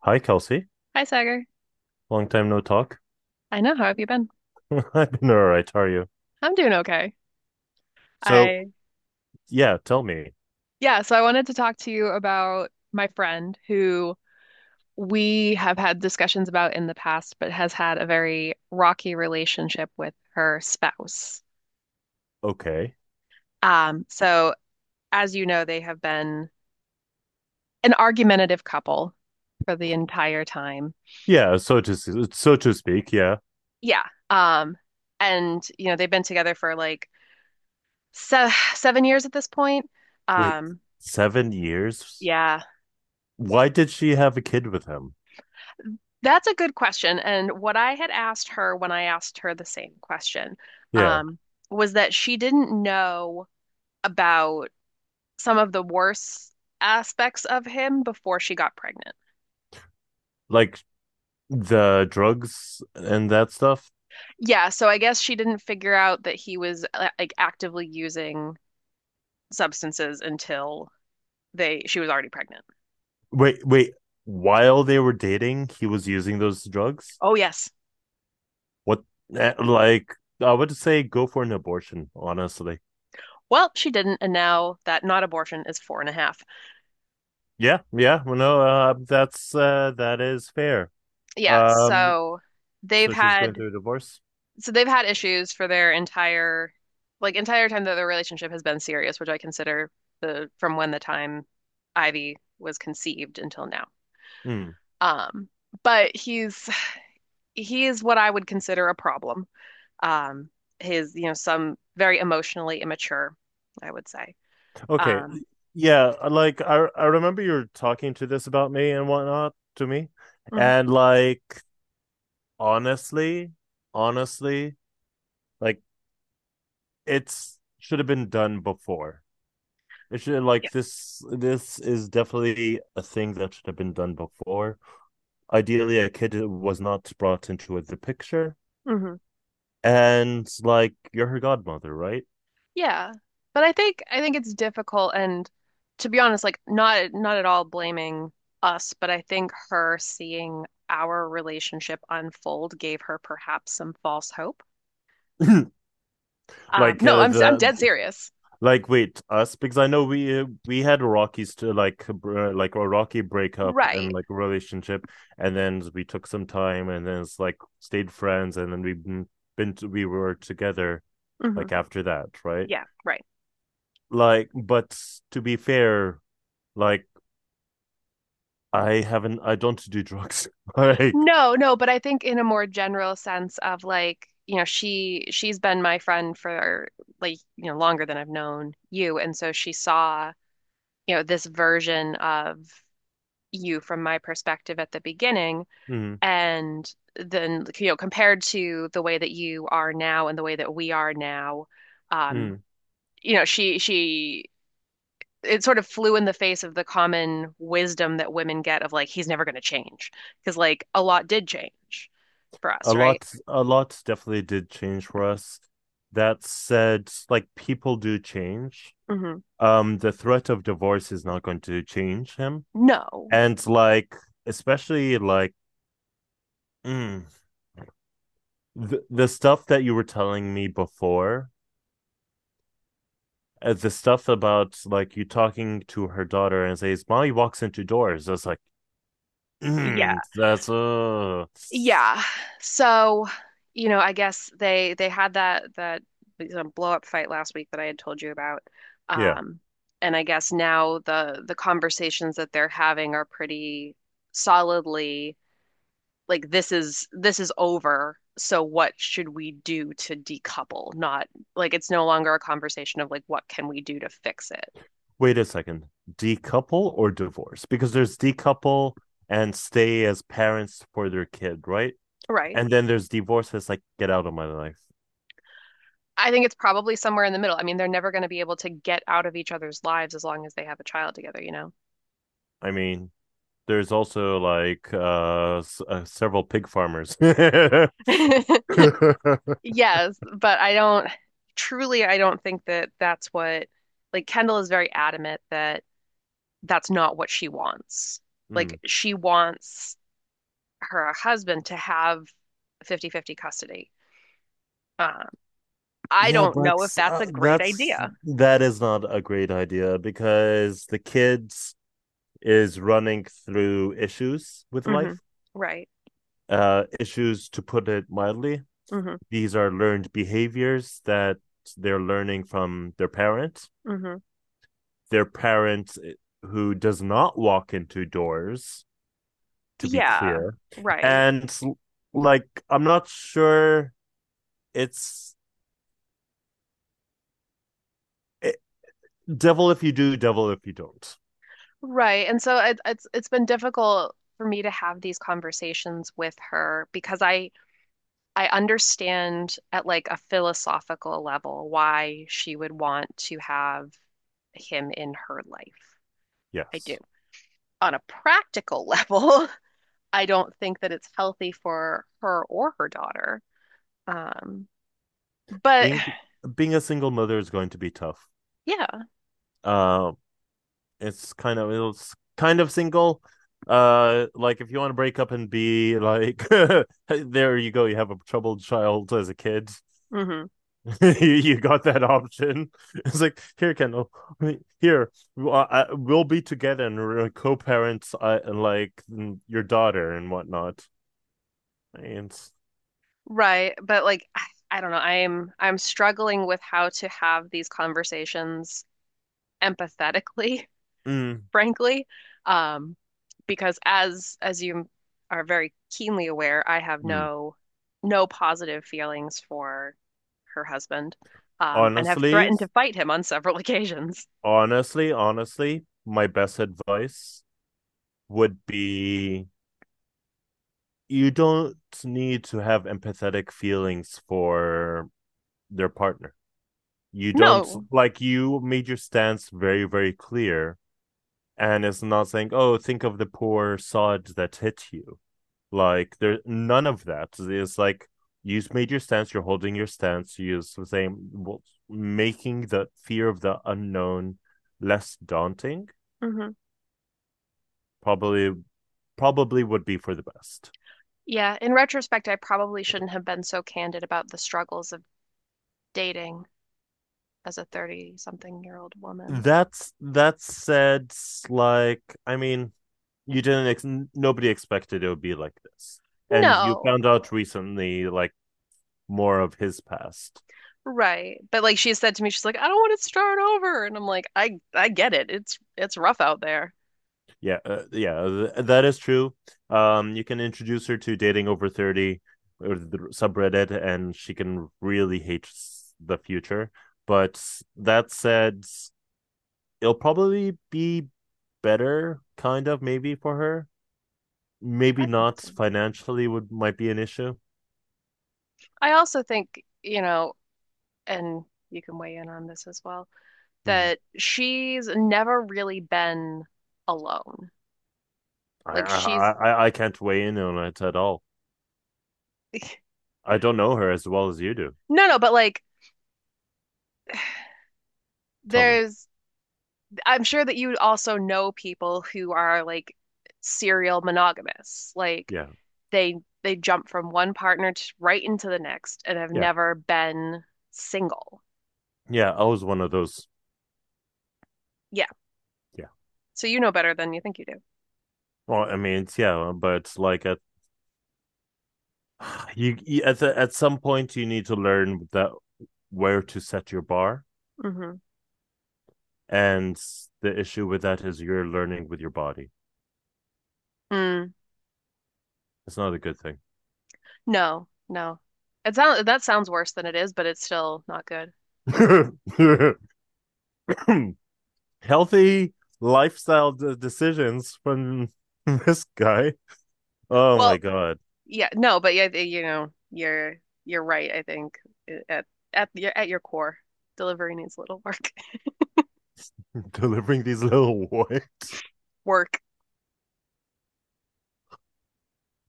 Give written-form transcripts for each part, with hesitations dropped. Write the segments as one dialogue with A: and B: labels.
A: Hi, Kelsey.
B: Hi, Sagar.
A: Long time no talk.
B: I know. How have you been?
A: I've been all right. How are you?
B: I'm doing okay.
A: So,
B: I,
A: yeah, tell me.
B: yeah, so I wanted to talk to you about my friend who we have had discussions about in the past, but has had a very rocky relationship with her spouse.
A: Okay.
B: So as you know, they have been an argumentative couple for the entire time.
A: Yeah, so so to speak. Yeah.
B: Yeah. Um, and you know, they've been together for like se 7 years at this point.
A: Wait,
B: Um,
A: 7 years?
B: yeah.
A: Why did she have a kid with him?
B: That's a good question. And what I had asked her when I asked her the same question,
A: Yeah,
B: um, was that she didn't know about some of the worst aspects of him before she got pregnant.
A: like the drugs and that stuff.
B: Yeah, so I guess she didn't figure out that he was like actively using substances until they she was already pregnant.
A: Wait, wait. While they were dating, he was using those drugs.
B: Oh yes.
A: What? Like, I would say go for an abortion. Honestly.
B: Well, she didn't, and now that not abortion is four and a half.
A: Yeah, yeah. Well, no, that's that is fair.
B: Yeah,
A: Um,
B: they've
A: So she's going
B: had
A: through a divorce.
B: so they've had issues for their entire entire time that their relationship has been serious, which I consider the from when the time Ivy was conceived until now.
A: Hmm.
B: Um, but he is what I would consider a problem. Um, his, you know, some very emotionally immature, I would say.
A: Okay.
B: Um,
A: Yeah, like I remember you were talking to this about me and whatnot to me,
B: mhm,
A: and like honestly, honestly, like it's should have been done before. It should
B: yeah.
A: like this. This is definitely a thing that should have been done before. Ideally, a kid was not brought into the picture,
B: Mhm.
A: and like you're her godmother, right?
B: Yeah. But I think it's difficult and to be honest, like not at all blaming us, but I think her seeing our relationship unfold gave her perhaps some false hope.
A: like
B: No, I'm
A: the
B: dead serious.
A: Like, wait, us because I know we had Rockies to like a rocky breakup and
B: Right.
A: like relationship, and then we took some time, and then it's like stayed friends, and then we've been to, we were together
B: Hmm.
A: like after that, right?
B: Yeah, right.
A: Like, but to be fair, like I don't do drugs. like,
B: No, no, but I think in a more general sense of like, you know, she's been my friend for like, you know, longer than I've known you, and so she saw, you know, this version of you from my perspective at the beginning.
A: mm,
B: And then, you know, compared to the way that you are now and the way that we are now, um,
A: mm.
B: you know, she, it sort of flew in the face of the common wisdom that women get of like he's never going to change, because like a lot did change for us,
A: A
B: right?
A: lot, a lot definitely did change for us. That said, like people do change.
B: Hmm.
A: Um, the threat of divorce is not going to change him,
B: No.
A: and like especially mm, the stuff that you were telling me before, the stuff about like you talking to her daughter and says mommy walks into doors. That's like
B: Yeah,
A: that's
B: yeah. So, you know, I guess they had that blow up fight last week that I had told you about.
A: yeah.
B: Um, and I guess now the conversations that they're having are pretty solidly like this is over. So what should we do to decouple? Not like it's no longer a conversation of like what can we do to fix it.
A: Wait a second, decouple or divorce? Because there's decouple and stay as parents for their kid, right?
B: Right.
A: And then there's divorce that's like get out of my life.
B: I think it's probably somewhere in the middle. I mean, they're never going to be able to get out of each other's lives as long as they have a child together, you
A: I mean, there's also several pig farmers.
B: know? Yes, but I don't truly, I don't think that that's what, like Kendall is very adamant that that's not what she wants. Like
A: Hmm.
B: she wants her husband to have 50-50 custody. Um, I
A: Yeah,
B: don't
A: but
B: know if that's a great
A: that's
B: idea.
A: that is not a great idea because the kids is running through issues with
B: Hmm.
A: life.
B: Right.
A: Uh, issues to put it mildly.
B: Hmm.
A: These are learned behaviors that they're learning from their parents.
B: Hmm.
A: Their parents who does not walk into doors, to be
B: Yeah.
A: clear.
B: Right.
A: And like I'm not sure it's it, devil if you do, devil if you don't.
B: Right. And so it's been difficult for me to have these conversations with her because I understand at like a philosophical level why she would want to have him in her life. I do.
A: Yes.
B: On a practical level, I don't think that it's healthy for her or her daughter. Um, but
A: Being being a single mother is going to be tough.
B: yeah,
A: Uh, it's it's kind of single. Like if you want to break up and be like, there you go, you have a troubled child as a kid.
B: hmm,
A: You got that option. It's like here, Kendall. Here, we'll be together and we're co-parents, your daughter and whatnot. And
B: right. But like, I don't know. I'm struggling with how to have these conversations empathetically,
A: mm,
B: frankly. Um, because as you are very keenly aware, I have
A: mm.
B: no positive feelings for her husband, and have
A: honestly,
B: threatened to fight him on several occasions.
A: honestly, honestly, my best advice would be you don't need to have empathetic feelings for their partner. You don't
B: No.
A: like you made your stance very, very clear, and it's not saying, "Oh, think of the poor sod that hit you." Like there's none of that. It's like you've made your stance, you're holding your stance, you're saying, well, making the fear of the unknown less daunting.
B: Hmm.
A: Probably, probably would be for the best.
B: Yeah, in retrospect, I probably shouldn't have been so candid about the struggles of dating as a 30-something-year-old woman.
A: That's that said, like I mean, you didn't ex- nobody expected it would be like this, and you
B: No.
A: found out recently, like more of his past.
B: Right. But like she said to me, she's like, I don't want to start over. And I'm like, I get it. It's rough out there.
A: Yeah, yeah, that is true. You can introduce her to dating over 30 or the subreddit, and she can really hate the future. But that said, it'll probably be better, kind of, maybe for her. Maybe
B: I think
A: not
B: so.
A: financially would might be an issue.
B: I also think, you know, and you can weigh in on this as well,
A: Hmm.
B: that she's never really been alone.
A: I
B: Like
A: I
B: she's
A: I I can't weigh in on it at all. I don't know her as well as you do.
B: no, no, but like
A: Tell me.
B: there's I'm sure that you also know people who are like serial monogamous. Like
A: Yeah,
B: they they jump from one partner to right into the next and have
A: yeah,
B: never been single.
A: yeah. I was one of those.
B: Yeah.
A: Yeah.
B: So you know better than you think you do.
A: Well, I mean, it's- yeah, but like at you at at some point you need to learn that where to set your bar,
B: Mm-hmm.
A: and the issue with that is you're learning with your body.
B: Mm.
A: It's not a good thing.
B: No, no. It sounds, that sounds worse than it is, but it's still not good.
A: Healthy lifestyle decisions from this guy. Oh my
B: Well,
A: god,
B: yeah, no, but yeah, you know, you're right, I think at at your core, delivery needs a little work.
A: delivering these little warts.
B: Work.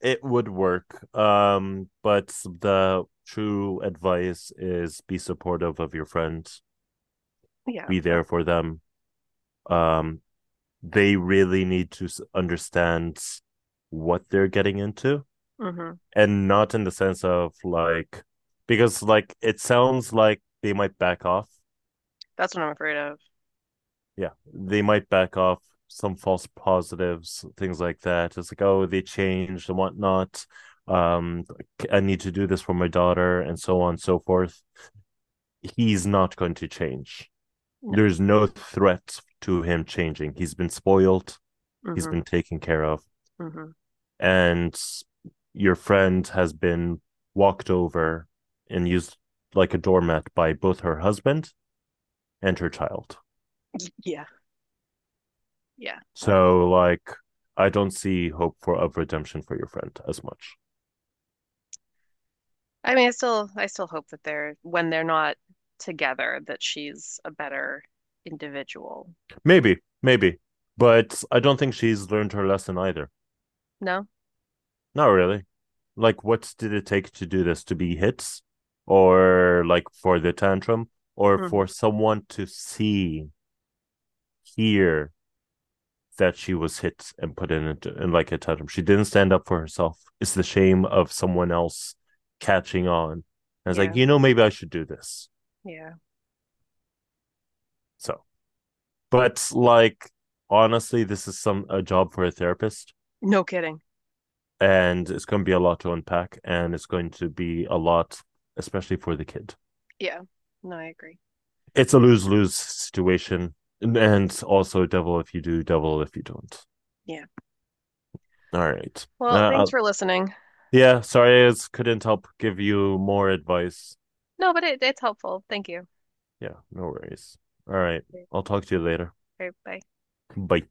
A: It would work. But the true advice is be supportive of your friends,
B: Yeah.
A: be
B: That,
A: there for them. Um, they really need to understand what they're getting into,
B: hmm,
A: and not in the sense of like, because like it sounds like they might back off.
B: that's what I'm afraid of.
A: Yeah, they might back off some false positives, things like that. It's like, oh, they changed and whatnot. Um, like, I need to do this for my daughter and so on and so forth. He's not going to change.
B: No.
A: There's no threat to him changing. He's been spoiled, he's
B: Hmm.
A: been taken care of,
B: Hmm.
A: and your friend has been walked over and used like a doormat by both her husband and her child.
B: Yeah. Yeah.
A: So like I don't see hope for of redemption for your friend as much.
B: I mean, I still hope that they're when they're not together that she's a better individual.
A: Maybe, maybe. But I don't think she's learned her lesson either.
B: No?
A: Not really. Like what did it take to do this? To be hit, or like for the tantrum? Or
B: Hmm.
A: for someone to see, hear, that she was hit and put in, a, in like a totem. She didn't stand up for herself. It's the shame of someone else catching on. And I was like,
B: Yeah.
A: you know, maybe I should do this.
B: Yeah.
A: So, but like, honestly, this is some a job for a therapist,
B: No kidding.
A: and it's going to be a lot to unpack, and it's going to be a lot, especially for the kid.
B: Yeah. No, I agree.
A: It's a lose lose situation, and also devil if you do, devil if you don't.
B: Yeah.
A: All right. Uh,
B: Well, thanks
A: uh,
B: for listening.
A: yeah, sorry, I couldn't help give you more advice.
B: No, but it's helpful. Thank you.
A: Yeah, no worries. All right. I'll talk to you later.
B: Okay, bye.
A: Bye.